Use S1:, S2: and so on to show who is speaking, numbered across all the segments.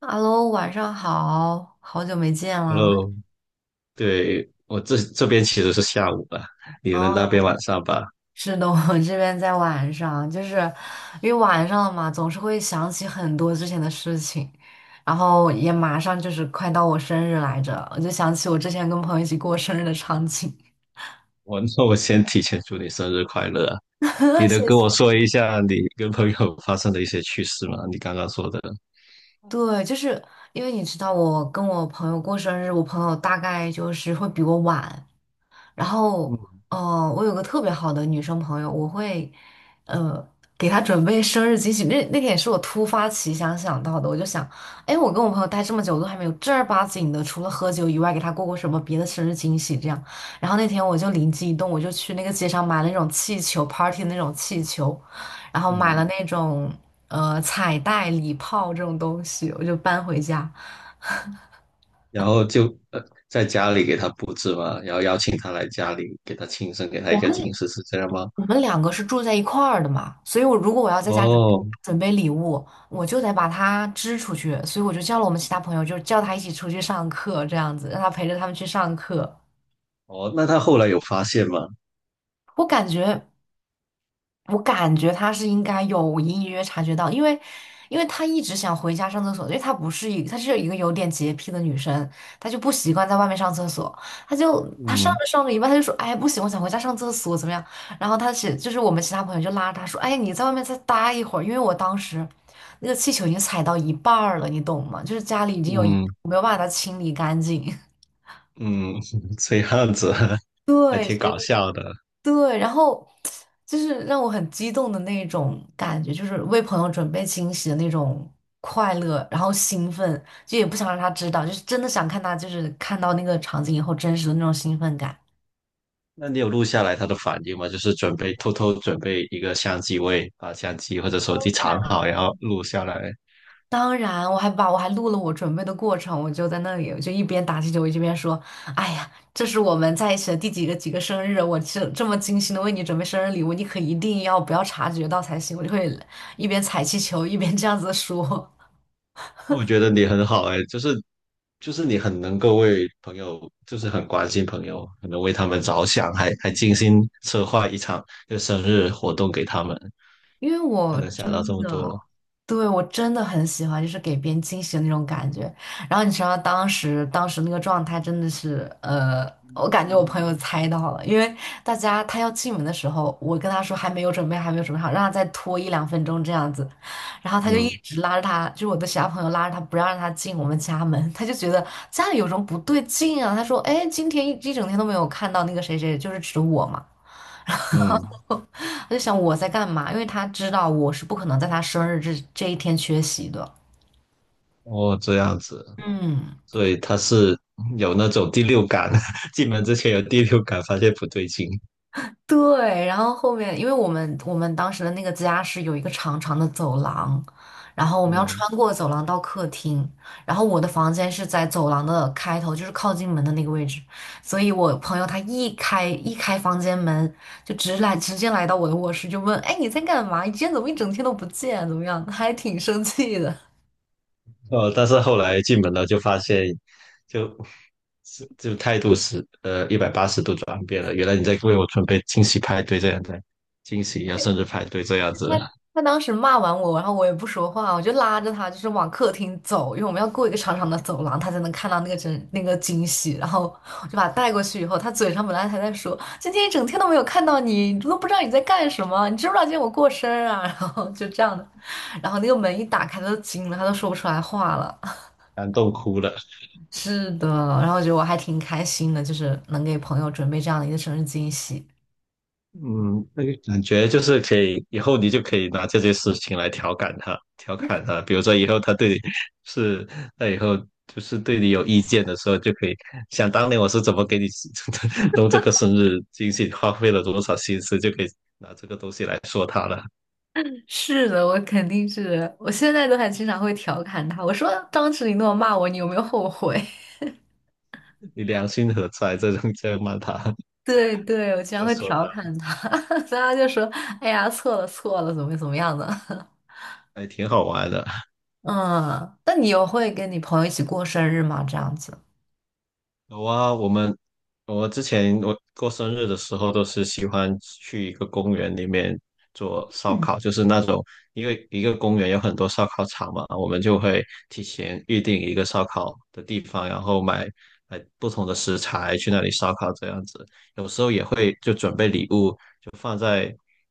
S1: Hello，晚上好，好久没见了。
S2: Hello，对，我这边其实是下午吧，你
S1: 哦，
S2: 们那边 晚上吧。
S1: 是的，我这边在晚上，就是因为晚上了嘛，总是会想起很多之前的事情，然后也马上就是快到我生日来着，我就想起我之前跟朋友一起过生日的场景。
S2: 我那 我先提前祝你生日快乐啊！你 能
S1: 谢
S2: 跟我
S1: 谢。
S2: 说一下你跟朋友发生的一些趣事吗？你刚刚说的，
S1: 对，就是因为你知道，我跟我朋友过生日，我朋友大概就是会比我晚，然后，
S2: 嗯
S1: 我有个特别好的女生朋友，我会，呃，给她准备生日惊喜。那那天也是我突发奇想想到的，我就想，哎，我跟我朋友待这么久，都还没有正儿八经的，除了喝酒以外，给她过过什么别的生日惊喜这样。然后那天我就灵机一动，我就去那个街上买了那种气球 party 的那种气球，然后买了
S2: 嗯，
S1: 那种彩带、礼炮这种东西，我就搬回家。
S2: 然后就在家里给他布置嘛，然后邀请他来家里给他庆生，给他一个惊喜，是这样吗？
S1: 我们两个是住在一块儿的嘛，所以我如果我要在家里
S2: 哦
S1: 准备礼物，我就得把他支出去，所以我就叫了我们其他朋友，就是叫他一起出去上课，这样子让他陪着他们去上课。
S2: 哦，那他后来有发现吗？
S1: 我感觉我感觉他是应该有隐隐约约察觉到，因为，因为她一直想回家上厕所，因为她不是一，她是一个有点洁癖的女生，她就不习惯在外面上厕所，她就她上
S2: 嗯
S1: 着上着一半，她就说，哎，不行，我想回家上厕所，怎么样？然后她其就是我们其他朋友就拉着她说，哎，你在外面再待一会儿，因为我当时那个气球已经踩到一半儿了，你懂吗？就是家里已经有一
S2: 嗯
S1: 没有办法把它清理干净。
S2: 嗯，这样子 还
S1: 对，
S2: 挺搞笑的。
S1: 对，然后就是让我很激动的那种感觉，就是为朋友准备惊喜的那种快乐，然后兴奋，就也不想让他知道，就是真的想看他，就是看到那个场景以后真实的那种兴奋感。
S2: 那你有录下来他的反应吗？就是准备偷偷准备一个相机位，把相机或者手机藏好，然后录下来。
S1: 当然，我还把我还录了我准备的过程，我就在那里，我就一边打气球，我一边说：“哎呀，这是我们在一起的第几个几个生日，我这这么精心的为你准备生日礼物，你可一定要不要察觉到才行。”我就会一边踩气球一边这样子说。
S2: 那我觉得你很好哎，就是你很能够为朋友，就是很关心朋友，很能为他们着想，还精心策划一场就生日活动给他们，
S1: 因为
S2: 就
S1: 我
S2: 能想到这
S1: 真
S2: 么多。
S1: 的，对，我真的很喜欢，就是给别人惊喜的那种感觉。然后你知道当时那个状态真的是，我感觉我朋友猜到了，因为大家他要进门的时候，我跟他说还没有准备，还没有准备好，让他再拖一两分钟这样子。然后他就一
S2: 嗯
S1: 直拉着他，就是我的其他朋友拉着他不让他进我们家门，他就觉得家里有什么不对劲啊。他说，哎，今天一一整天都没有看到那个谁谁，就是指我嘛。
S2: 嗯，
S1: 我就想我在干嘛，因为他知道我是不可能在他生日这这一天缺席的。
S2: 哦，这样子，
S1: 嗯，
S2: 所以他是有那种第六感，进门之前有第六感，发现不对劲。
S1: 对。然后后面，因为我们当时的那个家是有一个长长的走廊，然后我们要
S2: 嗯。
S1: 穿过走廊到客厅，然后我的房间是在走廊的开头，就是靠近门的那个位置，所以我朋友他一开房间门，就直来直接来到我的卧室，就问：“哎，你在干嘛？你今天怎么一整天都不见？怎么样？”还挺生气的。
S2: 但是后来进门了，就发现就，是就态度是一百八十度转变了。原来你在为我准备惊喜派对这样子，惊喜呀，生日派对这样子，
S1: 他他当时骂完我，然后我也不说话，我就拉着他就是往客厅走，因为我们要过一个长长的走廊，他才能看到那个真那个惊喜。然后我就把他带过去以后，他嘴上本来还在说今天一整天都没有看到你，你都不知道你在干什么，你知不知道今天我过生日啊？然后就这样的，然后那个门一打开，他都惊了，他都说不出来话了。
S2: 感动哭了。
S1: 是的，然后我觉得我还挺开心的，就是能给朋友准备这样的一个生日惊喜。
S2: 嗯，那个感觉就是可以，以后你就可以拿这件事情来调侃他，调侃他。比如说以后他对你是，那以后就是对你有意见的时候，就可以想当年我是怎么给你 弄这个生日惊喜，花费了多少心思，就可以拿这个东西来说他了。
S1: 是的，我肯定是的，我现在都还经常会调侃他。我说当时你那么骂我，你有没有后悔？
S2: 你良心何在？这种这样骂他，
S1: 对对，我经常
S2: 就
S1: 会
S2: 说
S1: 调
S2: 他，
S1: 侃他，然后就说：“哎呀，错了错了，怎么怎么样的？”
S2: 还挺好玩的。
S1: 嗯，那你有会跟你朋友一起过生日吗？这样子？
S2: 有啊，我之前我过生日的时候都是喜欢去一个公园里面做烧
S1: 嗯
S2: 烤，就是那种因为一个公园有很多烧烤场嘛，我们就会提前预定一个烧烤的地方，然后买不同的食材去那里烧烤这样子。有时候也会就准备礼物，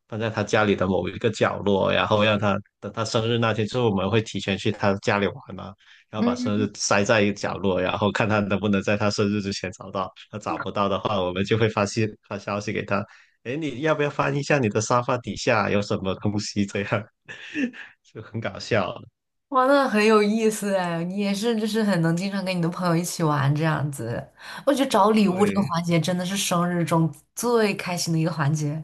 S2: 放在他家里的某一个角落，然后让他等他生日那天，就是我们会提前去他家里玩嘛，然后把
S1: 嗯，
S2: 生日塞在一个角落，然后看他能不能在他生日之前找到。他找不到的话，我们就会发消息给他，哎，你要不要翻一下你的沙发底下有什么东西？这样 就很搞笑。
S1: 哇，那很有意思哎，你也是，就是很能经常跟你的朋友一起玩这样子。我觉得找礼物这个
S2: 对，
S1: 环节真的是生日中最开心的一个环节。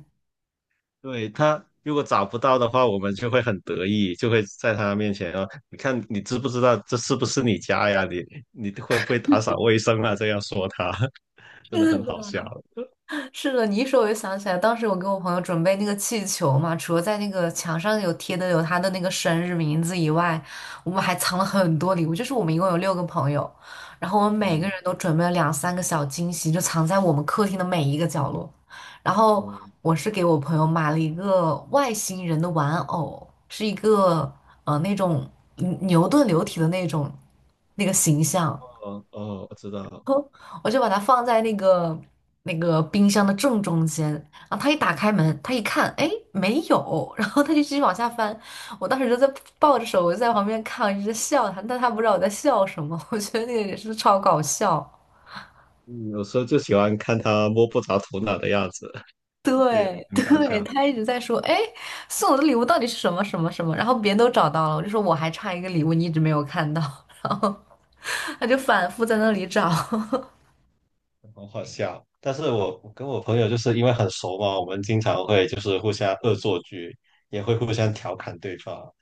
S2: 对他如果找不到的话，我们就会很得意，就会在他面前啊，你看你知不知道这是不是你家呀？你会不会打扫卫生啊？这样说他，真的
S1: 是
S2: 很好
S1: 的。
S2: 笑。
S1: 是的，你一说我就想起来，当时我给我朋友准备那个气球嘛，除了在那个墙上有贴的有他的那个生日名字以外，我们还藏了很多礼物。就是我们一共有六个朋友，然后我们每个
S2: 嗯
S1: 人都准备了两三个小惊喜，就藏在我们客厅的每一个角落。然后
S2: 嗯，
S1: 我是给我朋友买了一个外星人的玩偶，是一个那种牛顿流体的那种那个形象。
S2: 哦哦，我知道了。
S1: 我就把它放在那个那个冰箱的正中间，然后他一打开门，他一看，哎，没有，然后他就继续往下翻。我当时就在抱着手，我就在旁边看，一直在笑他，但他不知道我在笑什么，我觉得那个也是超搞笑。
S2: 嗯，有时候就喜欢看他摸不着头脑的样子，对，
S1: 对
S2: 很搞
S1: 对，
S2: 笑，
S1: 他一直在说，哎，送我的礼物到底是什么什么什么，然后别人都找到了，我就说我还差一个礼物，你一直没有看到，然后他就反复在那里找。
S2: 很好笑。但是我跟我朋友就是因为很熟嘛，我们经常会就是互相恶作剧，也会互相调侃对方。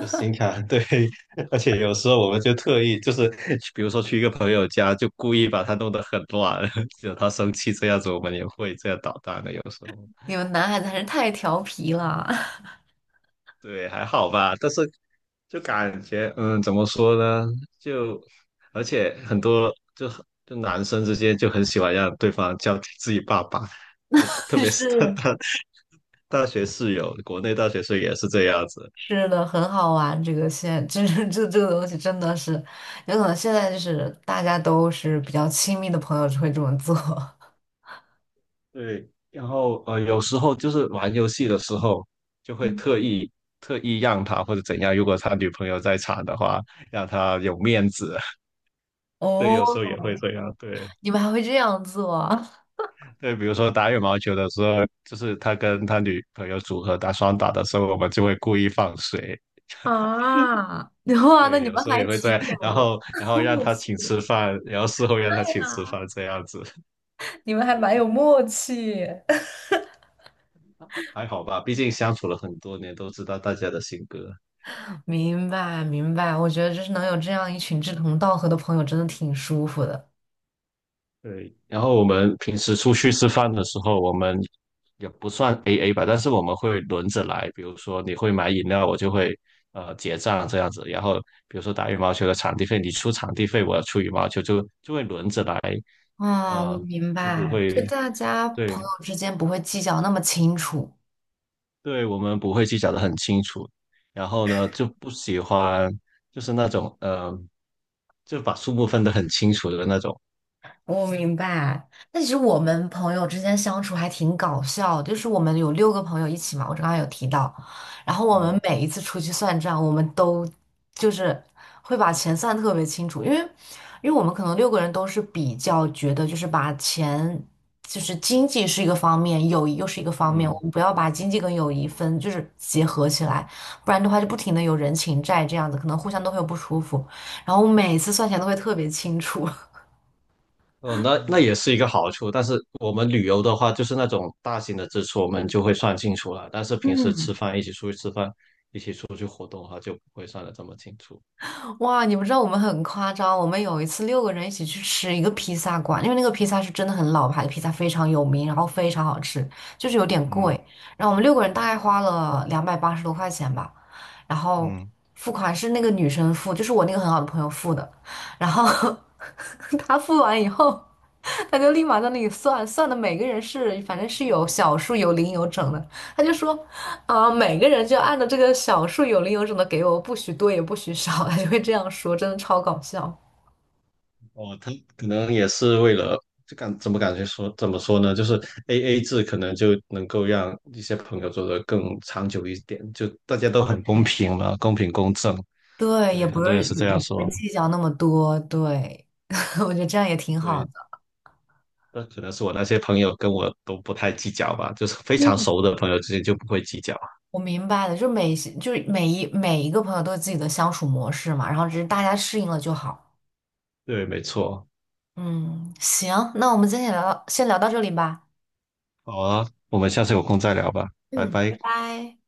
S2: 就是新卡，对，而且有时候我们就特意就是，比如说去一个朋友家，就故意把他弄得很乱，惹他生气这样子，我们也会这样捣蛋的。有时候，
S1: 你们男孩子还是太调皮了，
S2: 对，还好吧，但是就感觉，嗯，怎么说呢？就而且很多就很就男生之间就很喜欢让对方叫自己爸爸，对，特 别是他
S1: 是。
S2: 他 大学室友，国内大学室友也是这样子，
S1: 是的，很好玩。这个现这这这这个东西真的是，有可能现在就是大家都是比较亲密的朋友就会这么做。
S2: 对，然后有时候就是玩游戏的时候，就 会特
S1: 嗯
S2: 意特意让他或者怎样，如果他女朋友在场的话，让他有面子。对，
S1: 哦，
S2: 有时候也会这样。对
S1: 你们还会这样做啊？
S2: 对，比如说打羽毛球的时候，就是他跟他女朋友组合打双打的时候，我们就会故意放水。
S1: 啊，哇，那
S2: 对，
S1: 你
S2: 有
S1: 们
S2: 时候
S1: 还
S2: 也会这
S1: 挺
S2: 样，然
S1: 有
S2: 后让
S1: 默
S2: 他
S1: 契
S2: 请吃
S1: 的。
S2: 饭，然后事后让他
S1: 对
S2: 请吃
S1: 呀，
S2: 饭这样子。
S1: 你们 还蛮
S2: 对，
S1: 有默契。
S2: 还好吧，毕竟相处了很多年，都知道大家的性格。
S1: 明白，明白。我觉得就是能有这样一群志同道合的朋友，真的挺舒服的。
S2: 对，然后我们平时出去吃饭的时候，我们也不算 AA 吧，但是我们会轮着来。比如说你会买饮料，我就会结账这样子。然后比如说打羽毛球的场地费，你出场地费，我要出羽毛球，就会轮着来，
S1: 啊，我
S2: 呃，
S1: 明
S2: 就不
S1: 白，就
S2: 会，
S1: 大家朋
S2: 对
S1: 友之间不会计较那么清楚。
S2: 对，我们不会计较的很清楚。然后呢，就不喜欢就是那种就把数目分得很清楚的那种，
S1: 我明白，但其实我们朋友之间相处还挺搞笑的，就是我们有六个朋友一起嘛，我刚刚有提到，然后我们
S2: 嗯。
S1: 每一次出去算账，我们都就是会把钱算得特别清楚，因为因为我们可能六个人都是比较觉得就是把钱就是经济是一个方面，友谊又是一个方面，我
S2: 嗯，
S1: 们不要把经济跟友谊分就是结合起来，不然的话就不停的有人情债这样子，可能互相都会有不舒服，然后每次算钱都会特别清楚。
S2: 呃，那那也是一个好处，但是我们旅游的话，就是那种大型的支出，我们就会算清楚了。但是平时
S1: 嗯，
S2: 吃饭，一起出去吃饭，一起出去活动的话，就不会算得这么清楚。
S1: 哇，你不知道我们很夸张，我们有一次六个人一起去吃一个披萨馆，因为那个披萨是真的很老牌的披萨，非常有名，然后非常好吃，就是有点
S2: 嗯
S1: 贵。然后我们六个人大概花了280多块钱吧，然后
S2: 嗯
S1: 付款是那个女生付，就是我那个很好的朋友付的，然后 她付完以后，他就立马在那里算，算的每个人是反正是有小数、有零、有整的。他就说，啊、每个人就按照这个小数、有零、有整的给我，不许多也不许少，他就会这样说，真的超搞笑。
S2: 哦，他可能也是为了，就感怎么感觉说怎么说呢？就是 AA 制可能就能够让一些朋友做得更长久一点，就大家都很公平嘛，公平公正。
S1: 对，也
S2: 对，
S1: 不
S2: 很多
S1: 是
S2: 人是这
S1: 也也
S2: 样
S1: 不会
S2: 说。
S1: 计较那么多，对，我觉得这样也挺好
S2: 对。
S1: 的。
S2: 那可能是我那些朋友跟我都不太计较吧，就是非常
S1: 嗯，
S2: 熟的朋友之间就不会计较。
S1: 我明白了，就每就是每一个朋友都有自己的相处模式嘛，然后只是大家适应了就好。
S2: 对，没错。
S1: 嗯，行，那我们今天聊到先聊到这里吧。
S2: 好啊，我们下次有空再聊吧，拜
S1: 嗯，拜
S2: 拜。
S1: 拜。